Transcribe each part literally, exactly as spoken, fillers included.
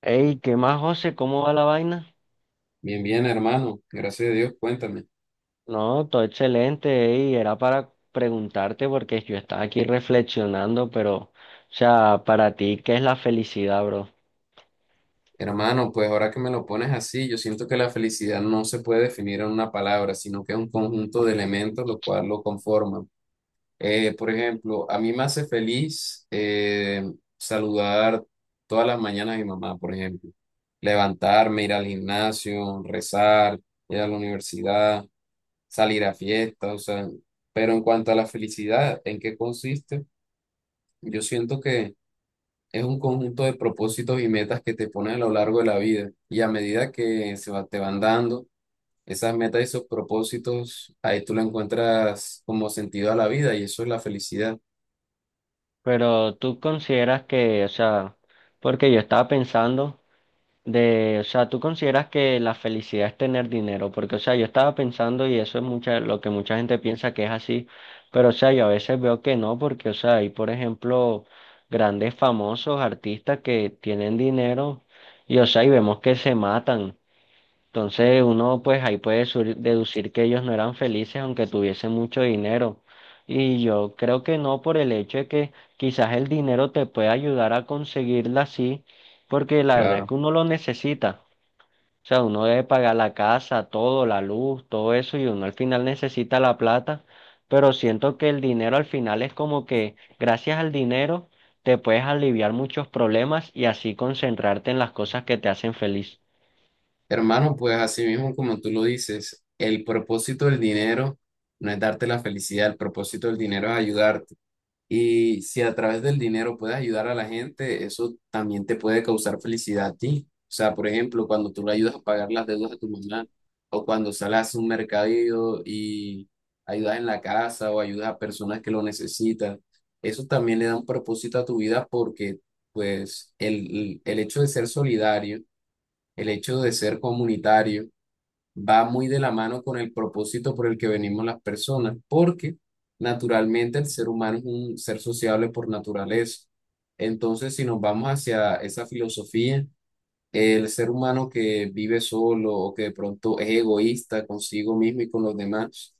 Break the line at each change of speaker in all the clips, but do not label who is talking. Ey, ¿qué más, José? ¿Cómo va la vaina?
Bien, bien, hermano. Gracias a Dios. Cuéntame.
No, todo excelente, ey, era para preguntarte porque yo estaba aquí reflexionando, pero, o sea, para ti, ¿qué es la felicidad, bro?
Hermano, pues ahora que me lo pones así, yo siento que la felicidad no se puede definir en una palabra, sino que es un conjunto de elementos lo cual lo conforman. Eh, por ejemplo, a mí me hace feliz eh, saludar todas las mañanas a mi mamá, por ejemplo. Levantarme, ir al gimnasio, rezar, ir a la universidad, salir a fiestas, o sea, pero en cuanto a la felicidad, ¿en qué consiste? Yo siento que es un conjunto de propósitos y metas que te pones a lo largo de la vida. Y a medida que se va- te van dando esas metas y esos propósitos, ahí tú le encuentras como sentido a la vida y eso es la felicidad,
Pero tú consideras que, o sea, porque yo estaba pensando De, o sea, tú consideras que la felicidad es tener dinero, porque, o sea, yo estaba pensando y eso es mucha, lo que mucha gente piensa que es así, pero, o sea, yo a veces veo que no, porque, o sea, hay, por ejemplo, grandes famosos artistas que tienen dinero y, o sea, y vemos que se matan. Entonces uno pues ahí puede sur- deducir que ellos no eran felices aunque tuviesen mucho dinero. Y yo creo que no, por el hecho de que quizás el dinero te puede ayudar a conseguirla así, porque la verdad es
claro.
que uno lo necesita. O sea, uno debe pagar la casa, todo, la luz, todo eso, y uno al final necesita la plata. Pero siento que el dinero al final es como que gracias al dinero te puedes aliviar muchos problemas y así concentrarte en las cosas que te hacen feliz.
Hermano, pues así mismo como tú lo dices, el propósito del dinero no es darte la felicidad, el propósito del dinero es ayudarte. Y si a través del dinero puedes ayudar a la gente, eso también te puede causar felicidad a ti. O sea, por ejemplo, cuando tú le ayudas a pagar las deudas de tu mamá, o cuando sales a un mercadillo y ayudas en la casa o ayudas a personas que lo necesitan, eso también le da un propósito a tu vida porque, pues, el, el el hecho de ser solidario, el hecho de ser comunitario, va muy de la mano con el propósito por el que venimos las personas, porque naturalmente el ser humano es un ser sociable por naturaleza. Entonces, si nos vamos hacia esa filosofía, el ser humano que vive solo o que de pronto es egoísta consigo mismo y con los demás,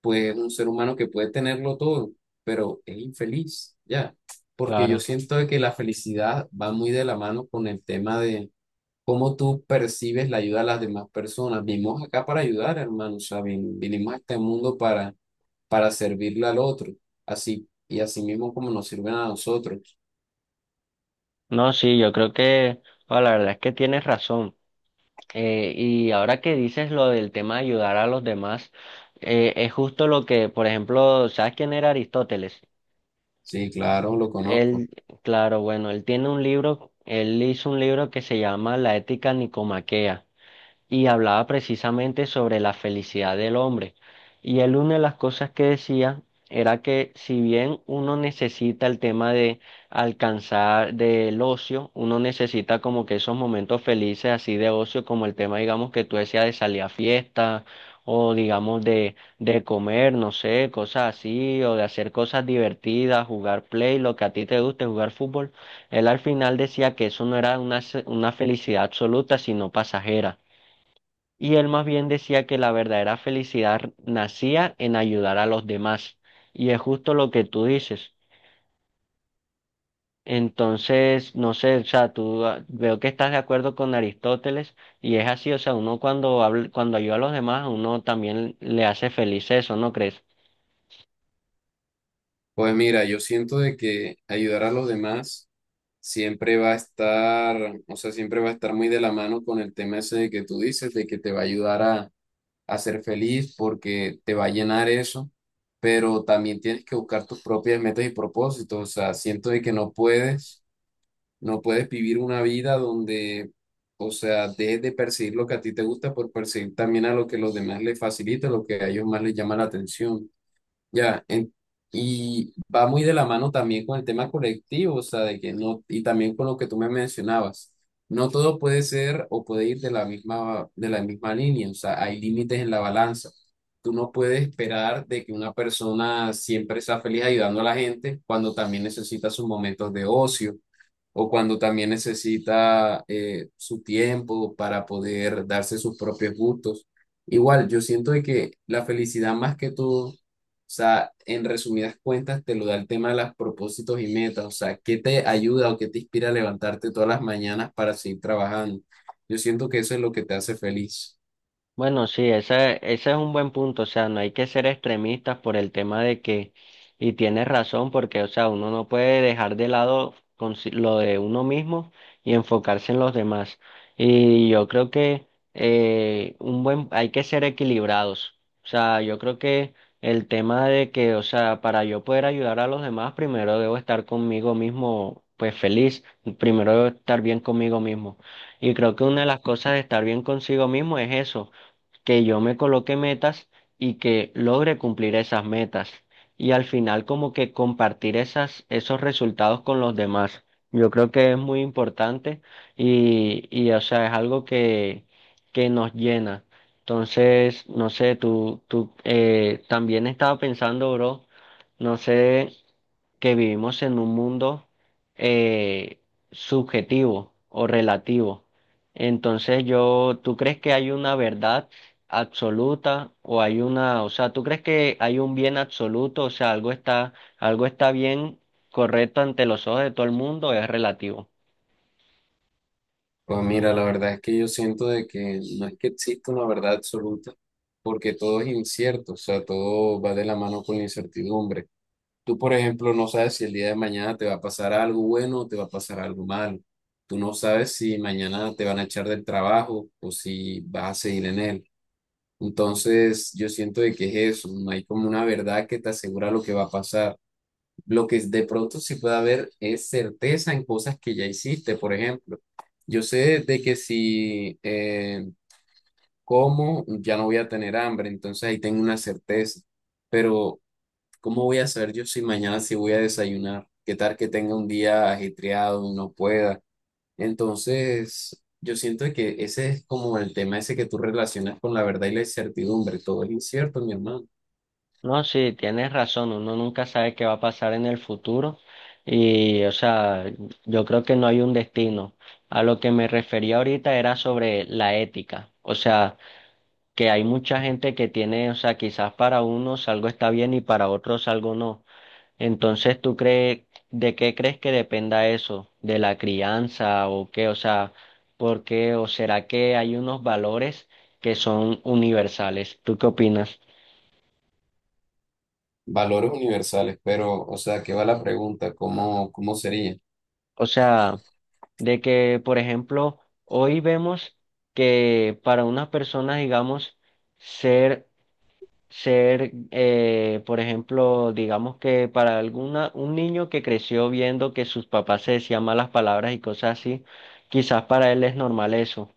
pues es un ser humano que puede tenerlo todo, pero es infeliz, ¿ya? Porque yo
Claro.
siento de que la felicidad va muy de la mano con el tema de ¿cómo tú percibes la ayuda a las demás personas? Vinimos acá para ayudar, hermano. O sea, vin- vinimos a este mundo para, para servirle al otro. Así, y así mismo como nos sirven a nosotros.
No, sí, yo creo que, bueno, la verdad es que tienes razón. Eh, y ahora que dices lo del tema de ayudar a los demás, eh, es justo lo que, por ejemplo, ¿sabes quién era Aristóteles?
Sí, claro, lo conozco.
Él, claro, bueno, él tiene un libro, él hizo un libro que se llama La Ética Nicomaquea y hablaba precisamente sobre la felicidad del hombre. Y él, una de las cosas que decía era que si bien uno necesita el tema de alcanzar del ocio, uno necesita como que esos momentos felices así de ocio, como el tema, digamos, que tú decías de salir a fiesta o digamos de, de comer, no sé, cosas así, o de hacer cosas divertidas, jugar play, lo que a ti te guste, jugar fútbol. Él al final decía que eso no era una, se- una felicidad absoluta, sino pasajera, y él más bien decía que la verdadera felicidad nacía en ayudar a los demás. Y es justo lo que tú dices. Entonces, no sé, o sea, tú ah, veo que estás de acuerdo con Aristóteles y es así, o sea, uno cuando habla- cuando ayuda a los demás, a uno también le hace feliz eso, ¿no crees?
Pues mira, yo siento de que ayudar a los demás siempre va a estar, o sea, siempre va a estar muy de la mano con el tema ese de que tú dices, de que te va a ayudar a a ser feliz porque te va a llenar eso, pero también tienes que buscar tus propias metas y propósitos. O sea, siento de que no puedes, no puedes vivir una vida donde, o sea, dejes de perseguir lo que a ti te gusta por perseguir también a lo que los demás les facilita, lo que a ellos más les llama la atención. Ya, en- y va muy de la mano también con el tema colectivo, o sea, de que no, y también con lo que tú me mencionabas, no todo puede ser o puede ir de la misma, de la misma línea, o sea, hay límites en la balanza. Tú no puedes esperar de que una persona siempre sea feliz ayudando a la gente cuando también necesita sus momentos de ocio o cuando también necesita eh, su tiempo para poder darse sus propios gustos. Igual, yo siento de que la felicidad más que todo, o sea, en resumidas cuentas, te lo da el tema de los propósitos y metas, o sea, qué te ayuda o qué te inspira a levantarte todas las mañanas para seguir trabajando. Yo siento que eso es lo que te hace feliz.
Bueno, sí, ese, ese es un buen punto, o sea, no hay que ser extremistas por el tema de que, y tienes razón, porque, o sea, uno no puede dejar de lado consi- lo de uno mismo y enfocarse en los demás. Y yo creo que eh, un buen, hay que ser equilibrados. O sea, yo creo que el tema de que, o sea, para yo poder ayudar a los demás, primero debo estar conmigo mismo, pues feliz, primero debo estar bien conmigo mismo. Y creo que una de las cosas de estar bien consigo mismo es eso, que yo me coloque metas y que logre cumplir esas metas. Y al final, como que compartir esas, esos resultados con los demás. Yo creo que es muy importante y, y o sea, es algo que, que nos llena. Entonces, no sé, tú, tú eh, también estaba pensando, bro, no sé, que vivimos en un mundo eh, subjetivo o relativo. Entonces yo, ¿tú crees que hay una verdad absoluta o hay una, o sea, ¿tú crees que hay un bien absoluto? O sea, algo está, algo está bien, correcto ante los ojos de todo el mundo, o es relativo.
Pues mira, la verdad es que yo siento de que no es que exista una verdad absoluta, porque todo es incierto, o sea, todo va de la mano con la incertidumbre. Tú, por ejemplo, no sabes si el día de mañana te va a pasar algo bueno o te va a pasar algo malo. Tú no sabes si mañana te van a echar del trabajo o si vas a seguir en él. Entonces, yo siento de que es eso, no hay como una verdad que te asegura lo que va a pasar. Lo que de pronto sí puede haber es certeza en cosas que ya hiciste, por ejemplo. Yo sé de que si eh, como, ya no voy a tener hambre, entonces ahí tengo una certeza, pero ¿cómo voy a saber yo si mañana sí voy a desayunar? ¿Qué tal que tenga un día ajetreado y no pueda? Entonces, yo siento que ese es como el tema ese que tú relacionas con la verdad y la incertidumbre. Todo es incierto, mi hermano.
No, sí, tienes razón, uno nunca sabe qué va a pasar en el futuro y, o sea, yo creo que no hay un destino. A lo que me refería ahorita era sobre la ética. O sea, que hay mucha gente que tiene, o sea, quizás para unos algo está bien y para otros algo no. Entonces, ¿tú crees, de qué crees que dependa eso? ¿De la crianza o qué? O sea, ¿por qué? ¿O será que hay unos valores que son universales? ¿Tú qué opinas?
Valores universales, pero, o sea, ¿qué va la pregunta? ¿Cómo, cómo sería?
O sea, de que, por ejemplo, hoy vemos que para unas personas, digamos, ser ser, eh, por ejemplo, digamos que para alguna, un niño que creció viendo que sus papás se decían malas palabras y cosas así, quizás para él es normal eso,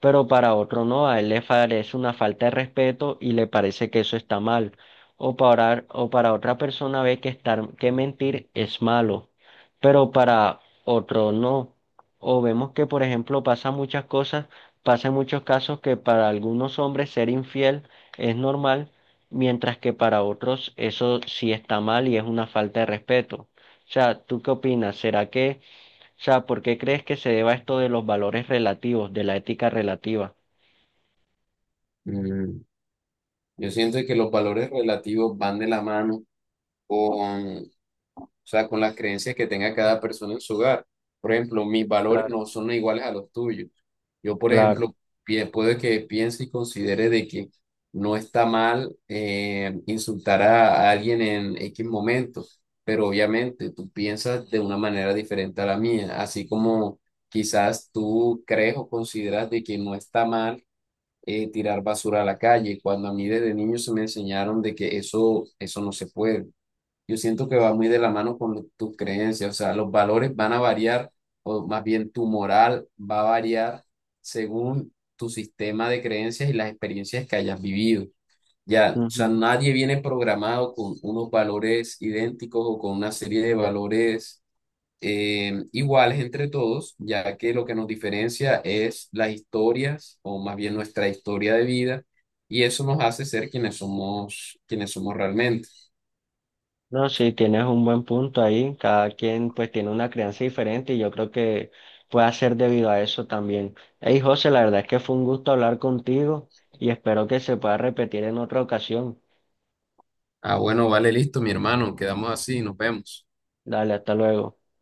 pero para otro no, a él le parece una falta de respeto y le parece que eso está mal. O para, o para otra persona ve que estar, que mentir es malo, pero para otro no. O vemos que, por ejemplo, pasa muchas cosas, pasa en muchos casos, que para algunos hombres ser infiel es normal, mientras que para otros eso sí está mal y es una falta de respeto. O sea, ¿tú qué opinas? ¿Será que, o sea, por qué crees que se deba esto de los valores relativos, de la ética relativa?
Mm, yo siento que los valores relativos van de la mano con, o sea, con las creencias que tenga cada persona en su hogar. Por ejemplo, mis valores
Claro,
no son iguales a los tuyos. Yo, por
claro.
ejemplo, pi- puede que piense y considere de que no está mal eh, insultar a, a alguien en X momento, pero obviamente tú piensas de una manera diferente a la mía, así como quizás tú crees o consideras de que no está mal eh, tirar basura a la calle, cuando a mí desde niño se me enseñaron de que eso, eso no se puede. Yo siento que va muy de la mano con tus creencias, o sea, los valores van a variar, o más bien tu moral va a variar según tu sistema de creencias y las experiencias que hayas vivido. Ya, o sea,
Ujú.
nadie viene programado con unos valores idénticos o con una serie de valores eh, iguales entre todos, ya que lo que nos diferencia es las historias, o más bien nuestra historia de vida, y eso nos hace ser quienes somos, quienes somos realmente.
No, sí, tienes un buen punto ahí. Cada quien pues tiene una crianza diferente y yo creo que puede ser debido a eso también. Hey, José, la verdad es que fue un gusto hablar contigo y espero que se pueda repetir en otra ocasión.
Ah, bueno, vale, listo, mi hermano. Quedamos así, nos vemos.
Dale, hasta luego.